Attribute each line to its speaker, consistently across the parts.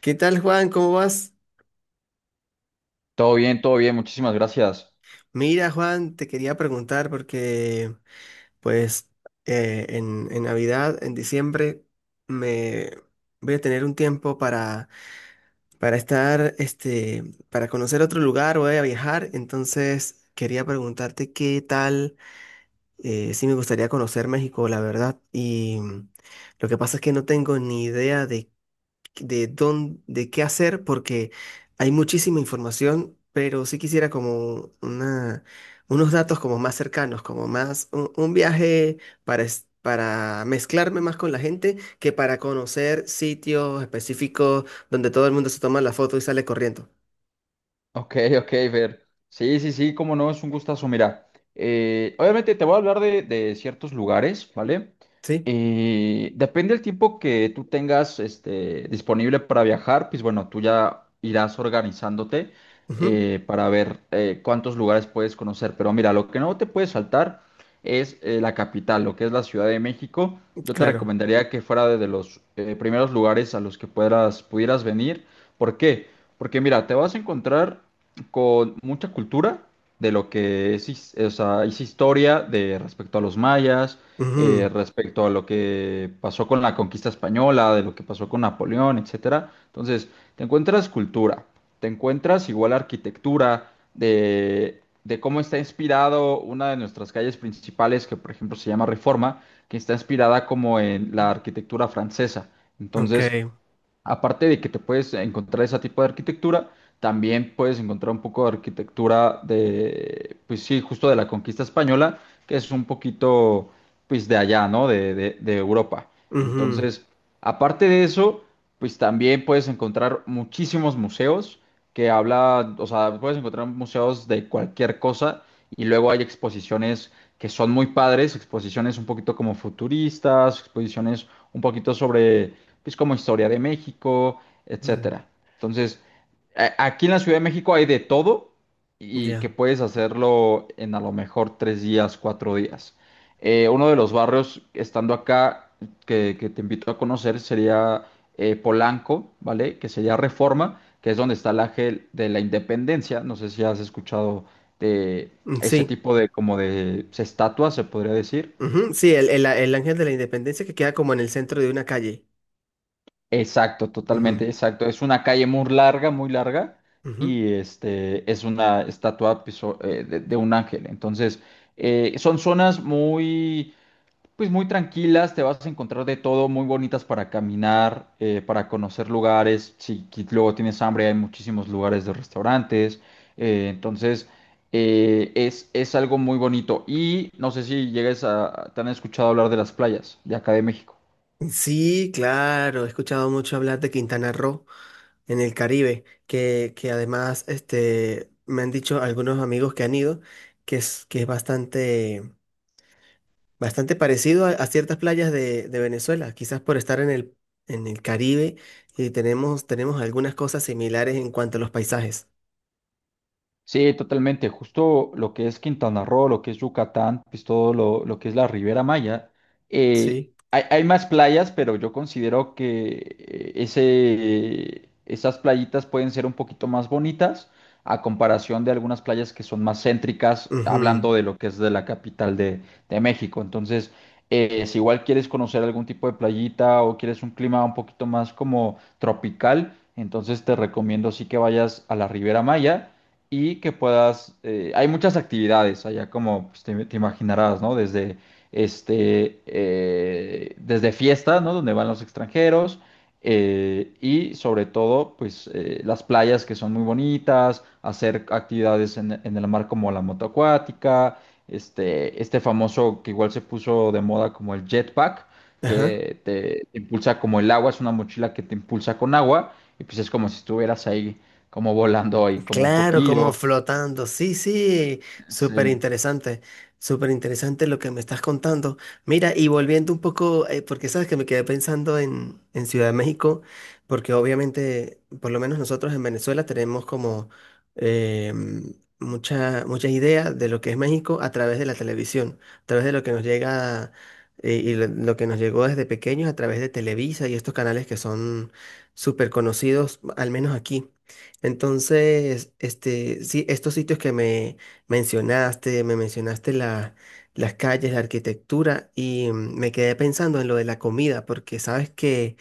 Speaker 1: ¿Qué tal, Juan? ¿Cómo vas?
Speaker 2: Todo bien, muchísimas gracias.
Speaker 1: Mira, Juan, te quería preguntar porque, pues, en Navidad, en diciembre, me voy a tener un tiempo para estar, este, para conocer otro lugar, voy a viajar, entonces quería preguntarte qué tal, si me gustaría conocer México, la verdad, y lo que pasa es que no tengo ni idea de dónde, de qué hacer, porque hay muchísima información, pero sí quisiera como una, unos datos como más cercanos, como más un viaje para, para mezclarme más con la gente que para conocer sitios específicos donde todo el mundo se toma la foto y sale corriendo.
Speaker 2: Ok, ok, Fer. Sí, sí, sí, cómo no, es un gustazo. Mira, obviamente te voy a hablar de ciertos lugares, ¿vale?
Speaker 1: ¿Sí?
Speaker 2: Depende del tiempo que tú tengas este, disponible para viajar, pues bueno, tú ya irás organizándote
Speaker 1: Ujú.
Speaker 2: para ver cuántos lugares puedes conocer. Pero mira, lo que no te puedes saltar es la capital, lo que es la Ciudad de México. Yo te
Speaker 1: Claro.
Speaker 2: recomendaría que fuera de los primeros lugares a los que puedas, pudieras venir. ¿Por qué? Porque mira, te vas a encontrar con mucha cultura de lo que es, o sea, es historia de respecto a los mayas,
Speaker 1: Ujú.
Speaker 2: respecto a lo que pasó con la conquista española, de lo que pasó con Napoleón, etcétera. Entonces, te encuentras cultura, te encuentras igual arquitectura, de cómo está inspirado una de nuestras calles principales, que por ejemplo se llama Reforma, que está inspirada como en la arquitectura francesa.
Speaker 1: Ok.
Speaker 2: Entonces, aparte de que te puedes encontrar ese tipo de arquitectura, también puedes encontrar un poco de arquitectura de, pues sí, justo de la conquista española, que es un poquito, pues de allá, ¿no? De, de Europa.
Speaker 1: Ujú.
Speaker 2: Entonces, aparte de eso, pues también puedes encontrar muchísimos museos que habla, o sea, puedes encontrar museos de cualquier cosa y luego hay exposiciones que son muy padres, exposiciones un poquito como futuristas, exposiciones un poquito sobre pues como historia de México,
Speaker 1: Ujú.
Speaker 2: etcétera. Entonces, aquí en la Ciudad de México hay de todo y que
Speaker 1: Ya.
Speaker 2: puedes hacerlo en a lo mejor tres días, cuatro días. Uno de los barrios estando acá que te invito a conocer sería Polanco, ¿vale? Que sería Reforma, que es donde está el Ángel de la Independencia. No sé si has escuchado de
Speaker 1: Mm,
Speaker 2: ese
Speaker 1: sí.
Speaker 2: tipo de como de estatuas, se podría decir.
Speaker 1: Ujú. Sí, el Ángel de la Independencia que queda como en el centro de una calle.
Speaker 2: Exacto, totalmente,
Speaker 1: Ujú,
Speaker 2: exacto. Es una calle muy larga,
Speaker 1: ujú.
Speaker 2: y este es una estatua pues, de un ángel. Entonces, son zonas muy, pues muy tranquilas, te vas a encontrar de todo, muy bonitas para caminar, para conocer lugares. Si luego tienes hambre, hay muchísimos lugares de restaurantes. Entonces, es algo muy bonito. Y no sé si llegues a, te han escuchado hablar de las playas de acá de México.
Speaker 1: Sí, claro, he escuchado mucho hablar de Quintana Roo en el Caribe, que además este, me han dicho algunos amigos que han ido que es bastante, bastante parecido a ciertas playas de Venezuela, quizás por estar en el Caribe y tenemos, tenemos algunas cosas similares en cuanto a los paisajes.
Speaker 2: Sí, totalmente. Justo lo que es Quintana Roo, lo que es Yucatán, pues todo lo que es la Ribera Maya.
Speaker 1: Sí.
Speaker 2: Hay, hay más playas, pero yo considero que ese, esas playitas pueden ser un poquito más bonitas a comparación de algunas playas que son más céntricas,
Speaker 1: Ujú.
Speaker 2: hablando de lo que es de la capital de México. Entonces, si igual quieres conocer algún tipo de playita o quieres un clima un poquito más como tropical, entonces te recomiendo sí que vayas a la Ribera Maya y que puedas, hay muchas actividades allá como pues, te imaginarás, ¿no? Desde, este, desde fiesta, ¿no? Donde van los extranjeros y sobre todo, pues las playas que son muy bonitas, hacer actividades en el mar como la motoacuática, este famoso que igual se puso de moda como el jetpack,
Speaker 1: Ajá.
Speaker 2: que te impulsa como el agua, es una mochila que te impulsa con agua, y pues es como si estuvieras ahí como volando ahí, como un
Speaker 1: Claro, como
Speaker 2: poquillo.
Speaker 1: flotando. Sí, sí, súper
Speaker 2: Sí,
Speaker 1: interesante, súper interesante lo que me estás contando. Mira, y volviendo un poco, porque sabes que me quedé pensando en Ciudad de México, porque obviamente, por lo menos nosotros en Venezuela tenemos como eh, mm, mucha, mucha idea de lo que es México a través de la televisión, a través de lo que nos llega y lo que nos llegó desde pequeños a través de Televisa y estos canales que son súper conocidos, al menos aquí. Entonces, este, sí, estos sitios que me mencionaste las calles, la arquitectura, y me quedé pensando en lo de la comida, porque sabes que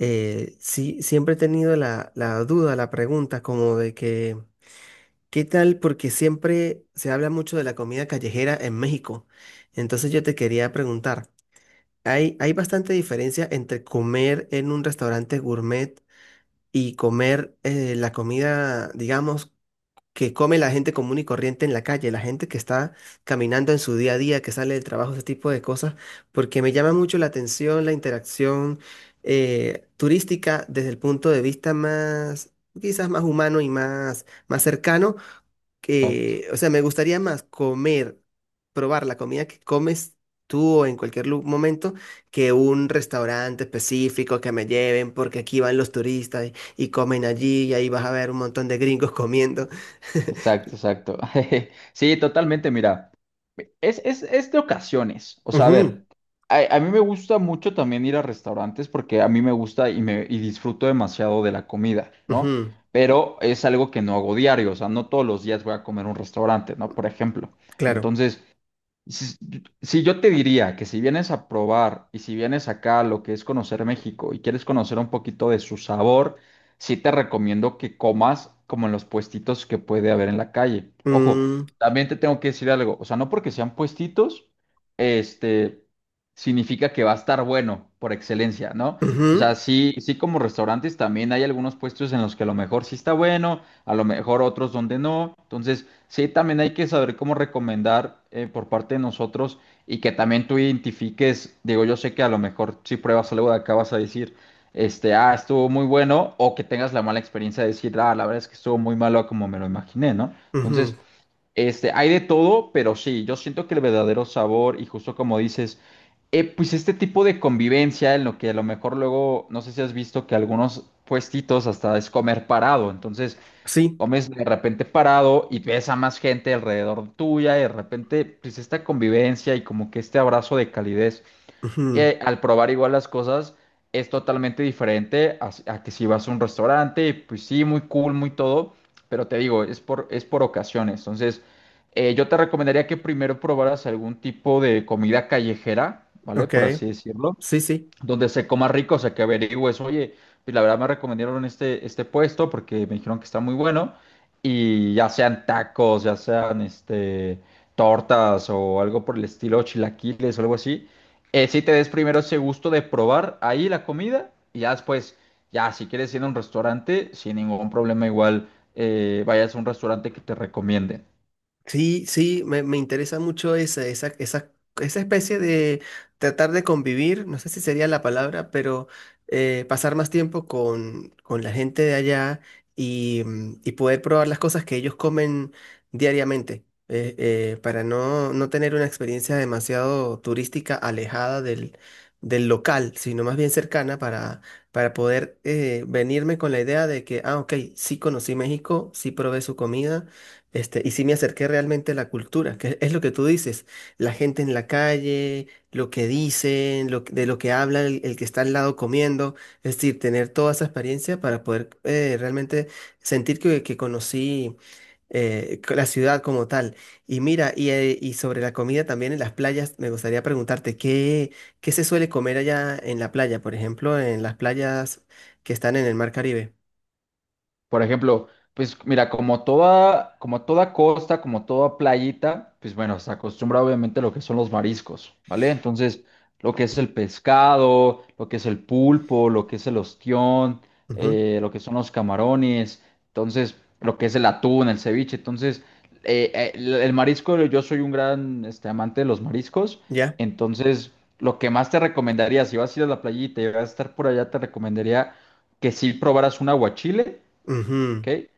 Speaker 1: sí, siempre he tenido la, la duda, la pregunta, como de que, ¿qué tal? Porque siempre se habla mucho de la comida callejera en México. Entonces yo te quería preguntar, ¿hay, hay bastante diferencia entre comer en un restaurante gourmet y comer, la comida, digamos, que come la gente común y corriente en la calle, la gente que está caminando en su día a día, que sale del trabajo, ese tipo de cosas? Porque me llama mucho la atención la interacción turística desde el punto de vista más, quizás más humano y más, más cercano,
Speaker 2: exacto,
Speaker 1: que, o sea, me gustaría más comer, probar la comida que comes tú o en cualquier momento que un restaurante específico que me lleven porque aquí van los turistas y comen allí y ahí vas a ver un montón de gringos comiendo.
Speaker 2: exacto, exacto. Sí, totalmente, mira, es de ocasiones, o sea, a
Speaker 1: Ujú,
Speaker 2: ver, a mí me gusta mucho también ir a restaurantes porque a mí me gusta y, me, y disfruto demasiado de la comida, ¿no?
Speaker 1: ujú,
Speaker 2: Pero es algo que no hago diario, o sea, no todos los días voy a comer a un restaurante, ¿no? Por ejemplo.
Speaker 1: claro.
Speaker 2: Entonces, si, si yo te diría que si vienes a probar y si vienes acá a lo que es conocer México y quieres conocer un poquito de su sabor, sí te recomiendo que comas como en los puestitos que puede haber en la calle. Ojo,
Speaker 1: Mm,
Speaker 2: también te tengo que decir algo, o sea, no porque sean puestitos, este, significa que va a estar bueno por excelencia, ¿no? O sea,
Speaker 1: ujú,
Speaker 2: sí, sí como restaurantes también hay algunos puestos en los que a lo mejor sí está bueno, a lo mejor otros donde no. Entonces, sí, también hay que saber cómo recomendar por parte de nosotros y que también tú identifiques, digo, yo sé que a lo mejor si pruebas algo de acá vas a decir, este, ah, estuvo muy bueno, o que tengas la mala experiencia de decir, ah, la verdad es que estuvo muy malo a como me lo imaginé, ¿no? Entonces,
Speaker 1: ujú,
Speaker 2: este, hay de todo, pero sí, yo siento que el verdadero sabor y justo como dices, pues este tipo de convivencia en lo que a lo mejor luego, no sé si has visto que algunos puestitos hasta es comer parado, entonces
Speaker 1: sí,
Speaker 2: comes de repente parado y ves a más gente alrededor tuya y de repente pues esta convivencia y como que este abrazo de calidez
Speaker 1: ujú,
Speaker 2: al probar igual las cosas es totalmente diferente a que si vas a un restaurante y, pues sí, muy cool, muy todo, pero te digo, es por ocasiones. Entonces, yo te recomendaría que primero probaras algún tipo de comida callejera, ¿vale?
Speaker 1: ok,
Speaker 2: Por así decirlo
Speaker 1: sí, sí.
Speaker 2: donde se coma rico, o sea, que averigües, oye, pues la verdad me recomendaron este, este puesto porque me dijeron que está muy bueno y ya sean tacos, ya sean este, tortas o algo por el estilo, chilaquiles o algo así, sí te des primero ese gusto de probar ahí la comida y ya después, ya si quieres ir a un restaurante, sin ningún problema igual vayas a un restaurante que te recomienden.
Speaker 1: Sí, sí, me interesa mucho esa, esa, esa, esa especie de tratar de convivir, no sé si sería la palabra, pero pasar más tiempo con la gente de allá y, y poder probar las cosas que ellos comen diariamente, para no, no tener una experiencia demasiado turística alejada del, del local, sino más bien cercana para poder, venirme con la idea de que, ah, ok, sí conocí México, sí probé su comida, este, y sí me acerqué realmente a la cultura, que es lo que tú dices, la gente en la calle, lo que dicen, lo, de lo que habla el que está al lado comiendo, es decir, tener toda esa experiencia para poder, realmente sentir que conocí, la ciudad como tal. Y mira, y sobre la comida también en las playas, me gustaría preguntarte, ¿qué, qué se suele comer allá en la playa, por ejemplo, en las playas que están en el Mar Caribe?
Speaker 2: Por ejemplo, pues mira, como toda costa, como toda playita, pues bueno, se acostumbra obviamente a lo que son los mariscos, ¿vale? Entonces, lo que es el pescado, lo que es el pulpo, lo que es el ostión,
Speaker 1: Ujú.
Speaker 2: lo que son los camarones, entonces, lo que es el atún, el ceviche, entonces, el marisco, yo soy un gran este, amante de los mariscos,
Speaker 1: ¿Ya?
Speaker 2: entonces, lo que más te recomendaría, si vas a ir a la playita y vas a estar por allá, te recomendaría que sí probaras un aguachile,
Speaker 1: Ujú.
Speaker 2: ¿ok?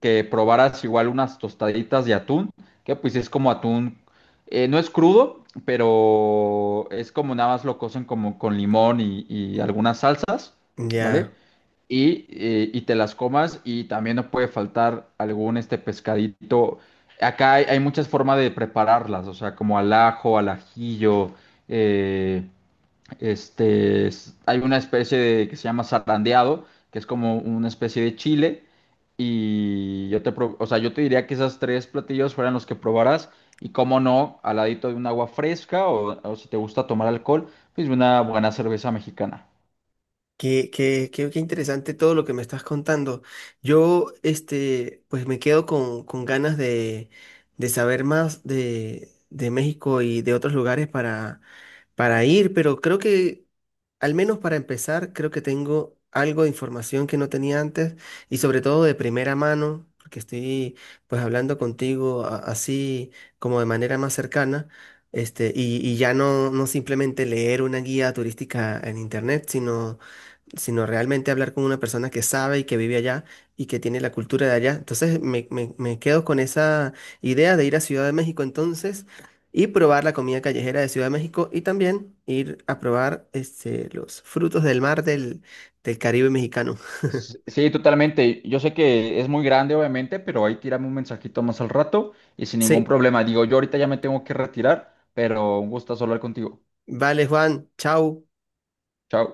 Speaker 2: Que probaras igual unas tostaditas de atún, que pues es como atún, no es crudo, pero es como nada más lo cocen como con limón y algunas salsas, ¿vale?
Speaker 1: Ya.
Speaker 2: Y te las comas y también no puede faltar algún este pescadito. Acá hay, hay muchas formas de prepararlas, o sea, como al ajo, al ajillo, eh, hay una especie de, que se llama zarandeado, que es como una especie de chile. Y yo te, o sea, yo te diría que esas tres platillos fueran los que probaras. Y cómo no, al ladito de un agua fresca o si te gusta tomar alcohol, pues una buena cerveza mexicana.
Speaker 1: Qué, qué interesante todo lo que me estás contando. Yo, este, pues me quedo con ganas de saber más de México y de otros lugares para ir, pero creo que, al menos para empezar, creo que tengo algo de información que no tenía antes y sobre todo de primera mano, porque estoy pues hablando contigo así como de manera más cercana. Este, y ya no, no simplemente leer una guía turística en internet, sino sino realmente hablar con una persona que sabe y que vive allá y que tiene la cultura de allá. Entonces me, me quedo con esa idea de ir a Ciudad de México entonces y probar la comida callejera de Ciudad de México y también ir a probar este, los frutos del mar del, del Caribe mexicano.
Speaker 2: Sí, totalmente. Yo sé que es muy grande, obviamente, pero ahí tírame un mensajito más al rato y sin ningún
Speaker 1: Sí,
Speaker 2: problema. Digo, yo ahorita ya me tengo que retirar, pero un gusto hablar contigo.
Speaker 1: vale Juan, chao.
Speaker 2: Chao.